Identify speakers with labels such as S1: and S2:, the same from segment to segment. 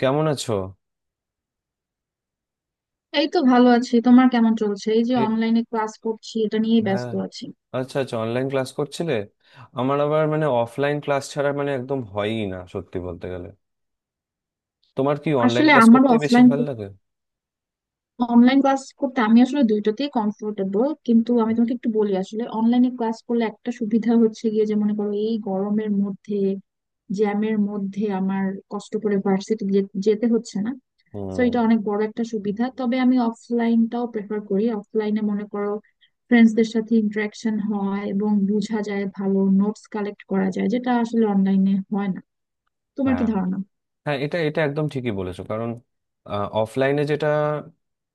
S1: কেমন আছো?
S2: এই তো ভালো আছি। তোমার কেমন চলছে? এই যে
S1: এ?
S2: অনলাইনে ক্লাস করছি, এটা নিয়েই
S1: হ্যাঁ।
S2: ব্যস্ত আছি।
S1: আচ্ছা আচ্ছা, অনলাইন ক্লাস করছিলে। আমার আবার মানে অফলাইন ক্লাস ছাড়া মানে একদম হয়ই না সত্যি বলতে গেলে। তোমার কি অনলাইন
S2: আসলে
S1: ক্লাস
S2: আমার
S1: করতেই বেশি
S2: অফলাইন
S1: ভালো লাগে?
S2: অনলাইন ক্লাস করতে, আমি আসলে দুইটাতেই কমফোর্টেবল। কিন্তু আমি তোমাকে একটু বলি, আসলে অনলাইনে ক্লাস করলে একটা সুবিধা হচ্ছে গিয়ে যে, মনে করো এই গরমের মধ্যে জ্যামের মধ্যে আমার কষ্ট করে ভার্সিটি যেতে হচ্ছে না। তো
S1: হুম।
S2: এটা অনেক বড় একটা সুবিধা। তবে আমি অফলাইনটাও প্রেফার করি। অফলাইনে মনে করো ফ্রেন্ডসদের সাথে ইন্টারাকশন হয় এবং বোঝা যায়, ভালো নোটস কালেক্ট করা যায়, যেটা আসলে অনলাইনে হয় না। তোমার কি
S1: হ্যাঁ,
S2: ধারণা?
S1: হ্যাঁ, এটা এটা একদম ঠিকই বলেছো। কারণ অফলাইনে যেটা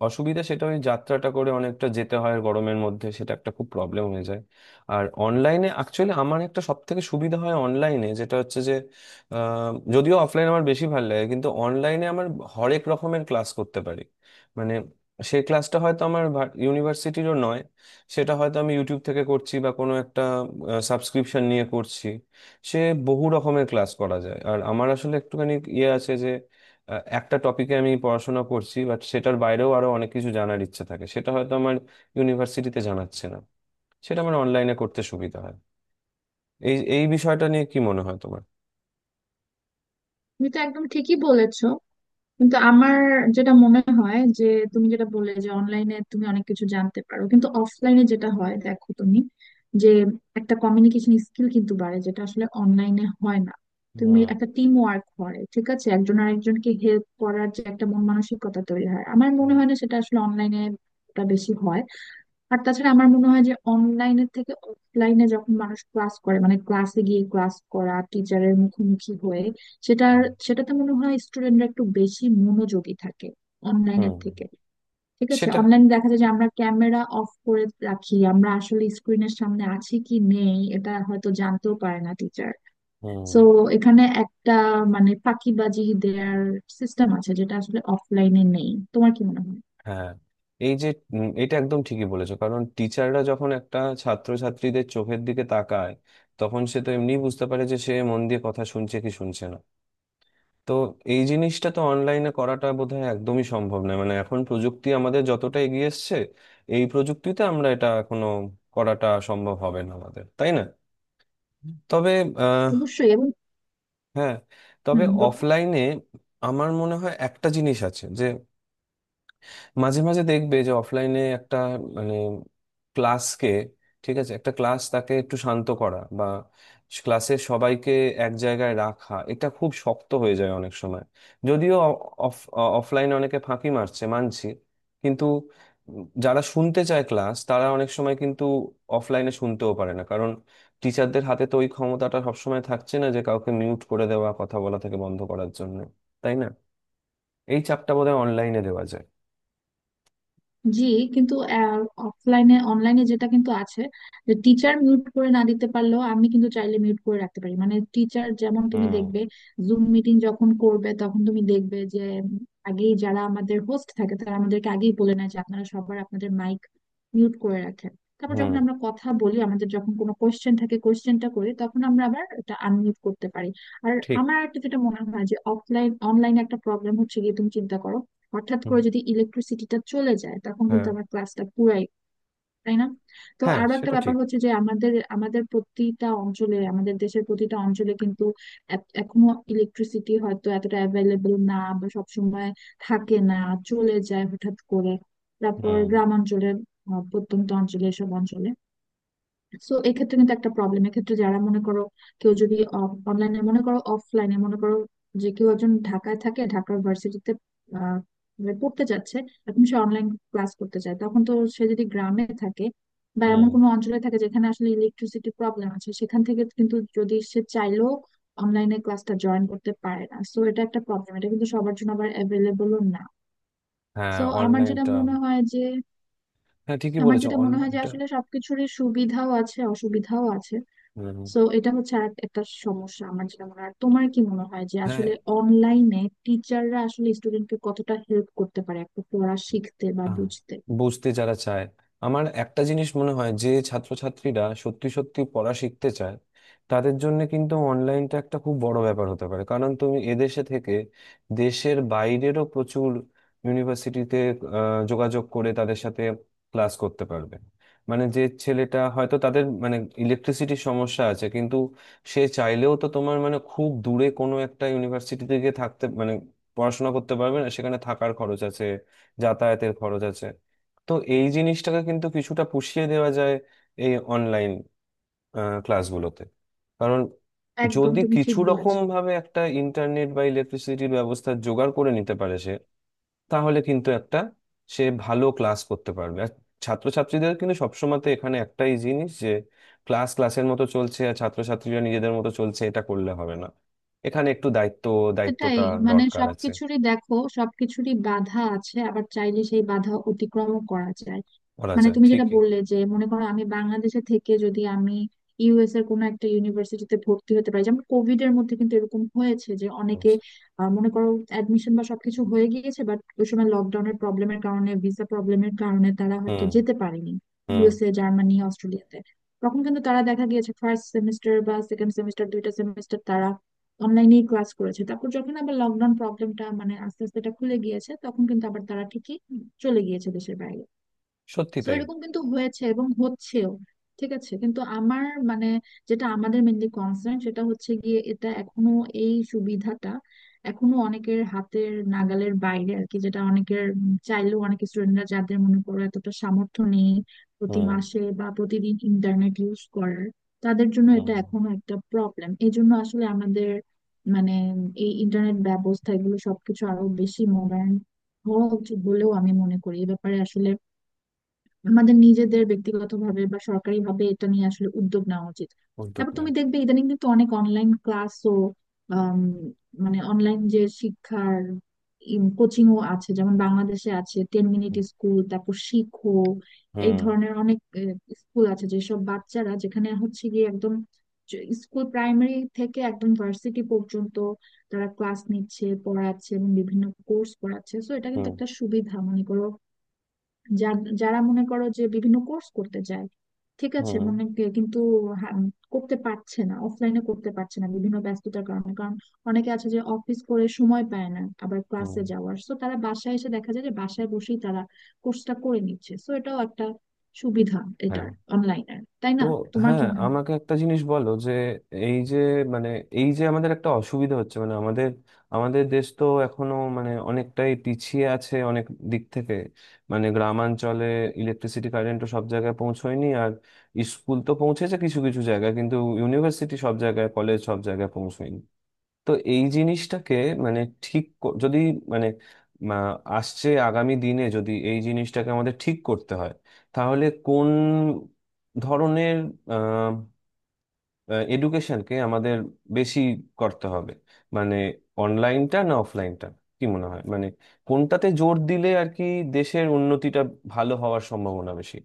S1: অসুবিধা, সেটা ওই যাত্রাটা করে অনেকটা যেতে হয় গরমের মধ্যে, সেটা একটা খুব প্রবলেম হয়ে যায়। আর অনলাইনে অ্যাকচুয়ালি আমার একটা সব থেকে সুবিধা হয় অনলাইনে, যেটা হচ্ছে যে যদিও অফলাইন আমার বেশি ভালো লাগে, কিন্তু অনলাইনে আমার হরেক রকমের ক্লাস করতে পারি। মানে সেই ক্লাসটা হয়তো আমার ইউনিভার্সিটিরও নয়, সেটা হয়তো আমি ইউটিউব থেকে করছি বা কোনো একটা সাবস্ক্রিপশন নিয়ে করছি। সে বহু রকমের ক্লাস করা যায়। আর আমার আসলে একটুখানি ইয়ে আছে যে একটা টপিকে আমি পড়াশোনা করছি, বাট সেটার বাইরেও আরো অনেক কিছু জানার ইচ্ছে থাকে, সেটা হয়তো আমার ইউনিভার্সিটিতে জানাচ্ছে না, সেটা আমার অনলাইনে করতে সুবিধা হয়। এই এই বিষয়টা নিয়ে কি মনে হয় তোমার?
S2: তুমি তো একদম ঠিকই বলেছো। কিন্তু আমার যেটা মনে হয় যে, তুমি যেটা বললে যে অনলাইনে তুমি অনেক কিছু জানতে পারো, কিন্তু অফলাইনে যেটা হয়, দেখো তুমি যে একটা কমিউনিকেশন স্কিল কিন্তু বাড়ে, যেটা আসলে অনলাইনে হয় না। তুমি
S1: হুম।
S2: একটা টিম ওয়ার্ক করে, ঠিক আছে, একজন আরেকজনকে হেল্প করার যে একটা মন মানসিকতা তৈরি হয়, আমার মনে
S1: হুম।
S2: হয় না সেটা আসলে অনলাইনে বেশি হয়। আর তাছাড়া আমার মনে হয় যে, অনলাইনের থেকে অফলাইনে যখন মানুষ ক্লাস করে, মানে ক্লাসে গিয়ে ক্লাস করা, টিচারের মুখোমুখি হয়ে সেটার
S1: হুম।
S2: সেটাতে মনে হয় স্টুডেন্টরা একটু বেশি মনোযোগী থাকে, অনলাইনের
S1: হুম।
S2: থেকে। ঠিক আছে,
S1: সেটা।
S2: অনলাইনে দেখা যায় যে আমরা ক্যামেরা অফ করে রাখি, আমরা আসলে স্ক্রিনের সামনে আছি কি নেই এটা হয়তো জানতেও পারে না টিচার।
S1: হুম।
S2: সো এখানে একটা মানে ফাঁকিবাজি দেওয়ার সিস্টেম আছে, যেটা আসলে অফলাইনে নেই। তোমার কি মনে হয়?
S1: হ্যাঁ, এই যে এটা একদম ঠিকই বলেছো। কারণ টিচাররা যখন একটা ছাত্রছাত্রীদের চোখের দিকে তাকায়, তখন সে তো এমনি বুঝতে পারে যে সে মন দিয়ে কথা শুনছে কি শুনছে না। তো এই জিনিসটা তো অনলাইনে করাটা বোধহয় একদমই সম্ভব নয়। মানে এখন প্রযুক্তি আমাদের যতটা এগিয়ে এসছে, এই প্রযুক্তিতে আমরা এটা এখনো করাটা সম্ভব হবে না আমাদের, তাই না? তবে আহ,
S2: অবশ্যই এবং।
S1: হ্যাঁ। তবে
S2: হম।
S1: অফলাইনে আমার মনে হয় একটা জিনিস আছে যে মাঝে মাঝে দেখবে যে অফলাইনে একটা, মানে, ক্লাসকে, ঠিক আছে, একটা ক্লাস তাকে একটু শান্ত করা বা ক্লাসের সবাইকে এক জায়গায় রাখা, এটা খুব শক্ত হয়ে যায় অনেক সময়। যদিও অফ অফলাইনে অনেকে ফাঁকি মারছে মানছি, কিন্তু যারা শুনতে চায় ক্লাস, তারা অনেক সময় কিন্তু অফলাইনে শুনতেও পারে না, কারণ টিচারদের হাতে তো ওই ক্ষমতাটা সবসময় থাকছে না যে কাউকে মিউট করে দেওয়া, কথা বলা থেকে বন্ধ করার জন্য, তাই না? এই চাপটা বোধহয় অনলাইনে দেওয়া যায়।
S2: জি। কিন্তু অফলাইনে অনলাইনে যেটা কিন্তু আছে যে, টিচার মিউট করে না দিতে পারলেও আমি কিন্তু চাইলে মিউট করে রাখতে পারি। মানে টিচার যেমন তুমি
S1: হুম।
S2: দেখবে জুম মিটিং যখন করবে তখন তুমি দেখবে যে, উম, আগেই যারা আমাদের হোস্ট থাকে তারা আমাদেরকে আগেই বলে নেয় যে, আপনারা সবার আপনাদের মাইক মিউট করে রাখেন। তারপর যখন
S1: হুম।
S2: আমরা কথা বলি, আমাদের যখন কোনো কোয়েশ্চেন থাকে, কোয়েশ্চেনটা করি, তখন আমরা আবার এটা আনমিউট করতে পারি। আর
S1: ঠিক।
S2: আমার একটা যেটা মনে হয় যে, অফলাইন অনলাইনে একটা প্রবলেম হচ্ছে গিয়ে, তুমি চিন্তা করো হঠাৎ
S1: হুম।
S2: করে যদি ইলেকট্রিসিটিটা চলে যায়, তখন কিন্তু
S1: হ্যাঁ।
S2: আমার ক্লাসটা পুরাই। তাই না? তো
S1: হ্যাঁ,
S2: আরো একটা
S1: সেটা
S2: ব্যাপার
S1: ঠিক।
S2: হচ্ছে যে, আমাদের আমাদের প্রতিটা অঞ্চলে, আমাদের দেশের প্রতিটা অঞ্চলে কিন্তু এখনো ইলেকট্রিসিটি হয়তো এতটা অ্যাভেলেবল না, বা সবসময় থাকে না, চলে যায় হঠাৎ করে। তারপর
S1: হুম।
S2: গ্রামাঞ্চলে, প্রত্যন্ত অঞ্চলে এসব অঞ্চলে, সো এক্ষেত্রে কিন্তু একটা প্রবলেম। এক্ষেত্রে যারা মনে করো, কেউ যদি অনলাইনে মনে করো, অফলাইনে মনে করো যে কেউ একজন ঢাকায় থাকে, ঢাকার ভার্সিটিতে পড়তে যাচ্ছে, এখন সে অনলাইন ক্লাস করতে চায়, তখন তো সে যদি গ্রামে থাকে বা এমন
S1: হুম।
S2: কোনো অঞ্চলে থাকে যেখানে আসলে ইলেকট্রিসিটি প্রবলেম আছে, সেখান থেকে কিন্তু যদি সে চাইলেও অনলাইনে ক্লাসটা জয়েন করতে পারে না। সো এটা একটা প্রবলেম, এটা কিন্তু সবার জন্য আবার অ্যাভেলেবলও না। সো
S1: হ্যাঁ,
S2: আমার যেটা
S1: অনলাইনটা।
S2: মনে হয় যে
S1: হ্যাঁ, ঠিকই বলেছো, অনলাইনটা।
S2: আসলে সবকিছুরই সুবিধাও আছে, অসুবিধাও আছে।
S1: হুম।
S2: সো এটা হচ্ছে আর একটা সমস্যা, আমার যেটা মনে হয়। আর তোমার কি মনে হয় যে
S1: হ্যাঁ,
S2: আসলে অনলাইনে টিচাররা আসলে স্টুডেন্টকে কতটা হেল্প করতে পারে একটা পড়া শিখতে বা
S1: আহ,
S2: বুঝতে?
S1: বুঝতে যারা চায়, আমার একটা জিনিস মনে হয় যে ছাত্রছাত্রীরা সত্যি সত্যি পড়া শিখতে চায়, তাদের জন্য কিন্তু অনলাইনটা একটা খুব বড় ব্যাপার হতে পারে। কারণ তুমি এদেশে থেকে দেশের বাইরেরও প্রচুর ইউনিভার্সিটিতে যোগাযোগ করে তাদের সাথে ক্লাস করতে পারবে। মানে যে ছেলেটা হয়তো তাদের, মানে, ইলেকট্রিসিটির সমস্যা আছে, কিন্তু সে চাইলেও তো তোমার, মানে, খুব দূরে কোনো একটা ইউনিভার্সিটিতে গিয়ে থাকতে, মানে, পড়াশোনা করতে পারবে না, সেখানে থাকার খরচ আছে, যাতায়াতের খরচ আছে। তো এই জিনিসটাকে কিন্তু কিছুটা পুষিয়ে দেওয়া যায় এই অনলাইন ক্লাসগুলোতে। কারণ
S2: একদম
S1: যদি
S2: তুমি
S1: কিছু
S2: ঠিক
S1: রকম
S2: বলেছো।
S1: ভাবে একটা ইন্টারনেট বা ইলেকট্রিসিটির ব্যবস্থা জোগাড় করে নিতে পারে সে, তাহলে কিন্তু একটা, সে ভালো ক্লাস করতে পারবে। আর ছাত্রছাত্রীদের কিন্তু সবসময়তে এখানে একটাই জিনিস যে ক্লাস ক্লাসের মতো চলছে আর ছাত্রছাত্রীরা নিজেদের মতো চলছে, এটা করলে হবে না, এখানে একটু দায়িত্ব,
S2: সেটাই,
S1: দায়িত্বটা
S2: মানে
S1: দরকার আছে,
S2: সবকিছুরই দেখো সবকিছুরই বাধা আছে, আবার চাইলে সেই বাধা অতিক্রম করা যায়।
S1: বলা
S2: মানে
S1: যায়
S2: তুমি যেটা
S1: ঠিকই।
S2: বললে যে, মনে করো আমি বাংলাদেশে থেকে যদি আমি ইউএস এর কোনো একটা ইউনিভার্সিটিতে ভর্তি হতে পারি। যেমন কোভিড এর মধ্যে কিন্তু এরকম হয়েছে যে
S1: হুম।
S2: অনেকে, মনে করো অ্যাডমিশন বা সবকিছু হয়ে গিয়েছে, বাট ওই সময় লকডাউনের প্রবলেমের কারণে, ভিসা প্রবলেমের কারণে তারা হয়তো যেতে পারেনি
S1: হুম।
S2: ইউএসএ, জার্মানি, অস্ট্রেলিয়াতে। তখন কিন্তু তারা দেখা গিয়েছে ফার্স্ট সেমিস্টার বা সেকেন্ড সেমিস্টার, দুইটা সেমিস্টার তারা অনলাইনেই ক্লাস করেছে। তারপর যখন আবার লকডাউন প্রবলেমটা মানে আস্তে আস্তে এটা খুলে গিয়েছে, তখন কিন্তু আবার তারা ঠিকই চলে গিয়েছে দেশের বাইরে।
S1: সত্যি
S2: তো
S1: তাই।
S2: এরকম কিন্তু হয়েছে এবং হচ্ছেও। ঠিক আছে, কিন্তু আমার মানে যেটা আমাদের মেনলি কনসার্ন, সেটা হচ্ছে গিয়ে এটা এখনো, এই সুবিধাটা এখনো অনেকের হাতের নাগালের বাইরে আর কি। যেটা অনেকের চাইলেও, অনেক স্টুডেন্টরা যাদের মনে করো এতটা সামর্থ্য নেই প্রতি
S1: হুম।
S2: মাসে বা প্রতিদিন ইন্টারনেট ইউজ করার, তাদের জন্য এটা
S1: হুম।
S2: এখনো একটা প্রবলেম। এই জন্য আসলে আমাদের মানে এই ইন্টারনেট ব্যবস্থা এগুলো সবকিছু আরো বেশি মডার্ন হওয়া উচিত বলেও আমি মনে করি। এ ব্যাপারে আসলে আমাদের নিজেদের ব্যক্তিগতভাবে বা সরকারিভাবে এটা নিয়ে আসলে উদ্যোগ নেওয়া উচিত।
S1: উদ্যোগ
S2: তারপর
S1: নেওয়া
S2: তুমি
S1: উচিত।
S2: দেখবে ইদানিং কিন্তু অনেক অনলাইন ক্লাসও, মানে অনলাইন যে শিক্ষার কোচিং ও আছে। যেমন বাংলাদেশে আছে টেন মিনিট স্কুল, তারপর শিখো, এই
S1: হুম।
S2: ধরনের অনেক স্কুল আছে। যেসব বাচ্চারা, যেখানে হচ্ছে গিয়ে একদম স্কুল প্রাইমারি থেকে একদম ভার্সিটি পর্যন্ত তারা ক্লাস নিচ্ছে, পড়াচ্ছে এবং বিভিন্ন কোর্স পড়াচ্ছে। সো এটা কিন্তু
S1: হুম।
S2: একটা সুবিধা মনে করো, যারা মনে করো যে বিভিন্ন কোর্স করতে চায়, ঠিক আছে,
S1: হুম।
S2: কিন্তু হা- করতে পারছে না, অফলাইনে করতে পারছে না বিভিন্ন ব্যস্ততার কারণে। কারণ অনেকে আছে যে অফিস করে সময় পায় না আবার
S1: হুম।
S2: ক্লাসে যাওয়ার, সো তারা বাসায় এসে দেখা যায় যে বাসায় বসেই তারা কোর্সটা করে নিচ্ছে। সো এটাও একটা সুবিধা
S1: হ্যাঁ।
S2: এটার, অনলাইনের। তাই
S1: তো
S2: না? তোমার
S1: হ্যাঁ,
S2: কি মনে হয়?
S1: আমাকে একটা জিনিস বলো যে এই যে, মানে, এই যে আমাদের একটা অসুবিধা হচ্ছে, মানে আমাদের আমাদের দেশ তো এখনো মানে অনেকটাই পিছিয়ে আছে অনেক দিক থেকে। মানে গ্রামাঞ্চলে ইলেকট্রিসিটি, কারেন্ট তো সব জায়গায় পৌঁছয়নি। আর স্কুল তো পৌঁছেছে কিছু কিছু জায়গায়, কিন্তু ইউনিভার্সিটি সব জায়গায়, কলেজ সব জায়গায় পৌঁছয়নি। তো এই জিনিসটাকে, মানে, ঠিক যদি, মানে, মা, আসছে আগামী দিনে যদি এই জিনিসটাকে আমাদের ঠিক করতে হয়, তাহলে কোন ধরনের এডুকেশনকে আমাদের বেশি করতে হবে? মানে অনলাইনটা না অফলাইনটা, কি মনে হয়? মানে কোনটাতে জোর দিলে আর কি দেশের উন্নতিটা ভালো হওয়ার সম্ভাবনা বেশি?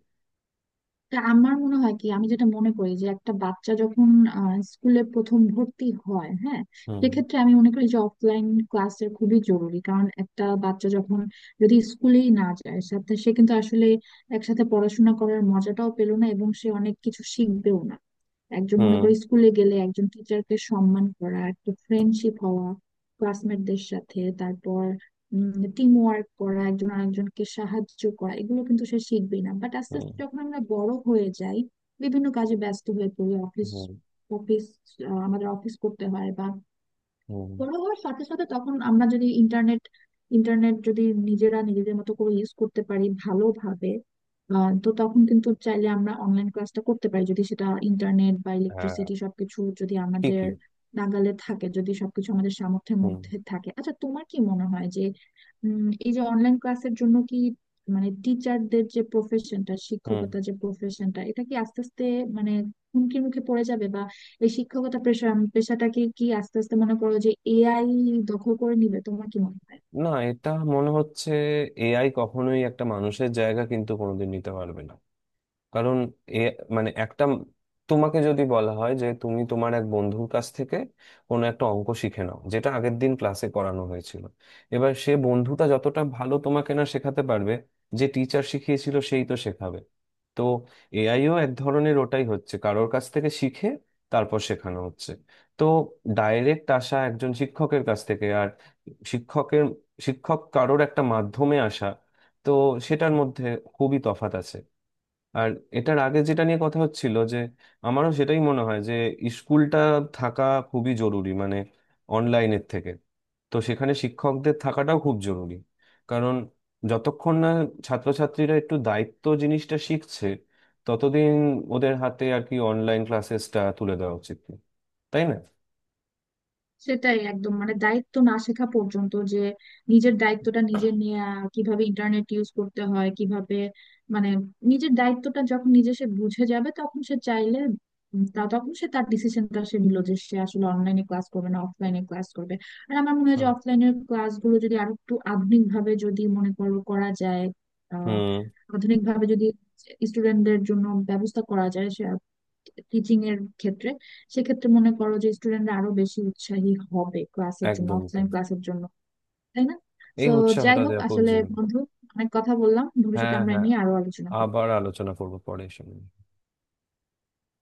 S2: তা আমার মনে হয় কি, আমি যেটা মনে করি যে একটা বাচ্চা যখন স্কুলে প্রথম ভর্তি হয়, হ্যাঁ,
S1: হুম।
S2: সেক্ষেত্রে আমি মনে করি যে অফলাইন ক্লাসের খুবই জরুরি। কারণ একটা বাচ্চা যখন যদি স্কুলেই না যায় সাথে, সে কিন্তু আসলে একসাথে পড়াশোনা করার মজাটাও পেলো না, এবং সে অনেক কিছু শিখবেও না। একজন মনে
S1: হুম।
S2: করি স্কুলে গেলে একজন টিচারকে সম্মান করা, একটা ফ্রেন্ডশিপ হওয়া ক্লাসমেটদের সাথে, তারপর টিম ওয়ার্ক করা, একজন আরেকজনকে সাহায্য করা, এগুলো কিন্তু সে শিখবেই না। বাট আস্তে
S1: হুম।
S2: আস্তে যখন আমরা বড় হয়ে যাই, বিভিন্ন কাজে ব্যস্ত হয়ে পড়ি, অফিস
S1: হুম।
S2: অফিস আমাদের অফিস করতে হয় বা
S1: হুম।
S2: বড় হওয়ার সাথে সাথে, তখন আমরা যদি ইন্টারনেট ইন্টারনেট যদি নিজেরা নিজেদের মতো করে ইউজ করতে পারি ভালোভাবে, তো তখন কিন্তু চাইলে আমরা অনলাইন ক্লাসটা করতে পারি, যদি সেটা ইন্টারনেট বা
S1: হ্যাঁ,
S2: ইলেকট্রিসিটি সবকিছু যদি আমাদের
S1: ঠিকই।
S2: নাগালে থাকে, যদি সবকিছু আমাদের সামর্থ্যের
S1: হুম।
S2: মধ্যে থাকে। আচ্ছা তোমার কি মনে হয় যে, এই যে অনলাইন ক্লাসের জন্য কি, মানে টিচারদের যে প্রফেশনটা,
S1: হুম।
S2: শিক্ষকতা যে প্রফেশনটা, এটা কি আস্তে আস্তে মানে হুমকির মুখে পড়ে যাবে? এই শিক্ষকতা পেশা, পেশাটাকে কি আস্তে আস্তে মনে করো যে এআই দখল করে নিবে? তোমার কি মনে হয়?
S1: না, এটা মনে হচ্ছে এআই কখনোই একটা মানুষের জায়গা কিন্তু কোনোদিন নিতে পারবে না। কারণ, এ, মানে, একটা, তোমাকে যদি বলা হয় যে তুমি তোমার এক বন্ধুর কাছ থেকে কোনো একটা অঙ্ক শিখে নাও যেটা আগের দিন ক্লাসে করানো হয়েছিল, এবার সে বন্ধুটা যতটা ভালো তোমাকে না শেখাতে পারবে, যে টিচার শিখিয়েছিল সেই তো শেখাবে। তো এআইও এক ধরনের ওটাই হচ্ছে, কারোর কাছ থেকে শিখে তারপর শেখানো হচ্ছে। তো ডাইরেক্ট আসা একজন শিক্ষকের কাছ থেকে, আর শিক্ষকের, শিক্ষক কারোর একটা মাধ্যমে আসা, তো সেটার মধ্যে খুবই তফাৎ আছে। আর এটার আগে যেটা নিয়ে কথা হচ্ছিল যে আমারও সেটাই মনে হয় যে স্কুলটা থাকা খুবই জরুরি, মানে অনলাইনের থেকে। তো সেখানে শিক্ষকদের থাকাটাও খুব জরুরি। কারণ যতক্ষণ না ছাত্রছাত্রীরা একটু দায়িত্ব জিনিসটা শিখছে, ততদিন ওদের হাতে আর কি অনলাইন ক্লাসেসটা তুলে দেওয়া উচিত না। তাই না?
S2: সেটাই একদম, মানে দায়িত্ব না শেখা পর্যন্ত যে নিজের দায়িত্বটা নিজে নেয়া, কিভাবে ইন্টারনেট ইউজ করতে হয়, কিভাবে মানে নিজের দায়িত্বটা যখন নিজে সে বুঝে যাবে তখন সে চাইলে, তা তখন সে তার ডিসিশনটা সে নিল যে সে আসলে অনলাইনে ক্লাস করবে না অফলাইনে ক্লাস করবে। আর আমার মনে হয় যে
S1: হুম।
S2: অফলাইনের ক্লাসগুলো যদি আরো একটু আধুনিক ভাবে যদি মনে করো করা যায়, আহ
S1: হুম।
S2: আধুনিক ভাবে যদি স্টুডেন্টদের জন্য ব্যবস্থা করা যায়, সে টিচিং এর ক্ষেত্রে, সেক্ষেত্রে মনে করো যে স্টুডেন্টরা আরো বেশি উৎসাহী হবে ক্লাসের জন্য,
S1: একদমই
S2: অফলাইন
S1: তাই।
S2: ক্লাসের জন্য। তাই না?
S1: এই
S2: তো যাই
S1: উৎসাহটা
S2: হোক,
S1: দেওয়া খুব
S2: আসলে
S1: জরুরি।
S2: বন্ধু, অনেক কথা বললাম, ভবিষ্যতে
S1: হ্যাঁ,
S2: আমরা এ
S1: হ্যাঁ,
S2: নিয়ে আরো আলোচনা করবো।
S1: আবার আলোচনা করবো পরে এসে।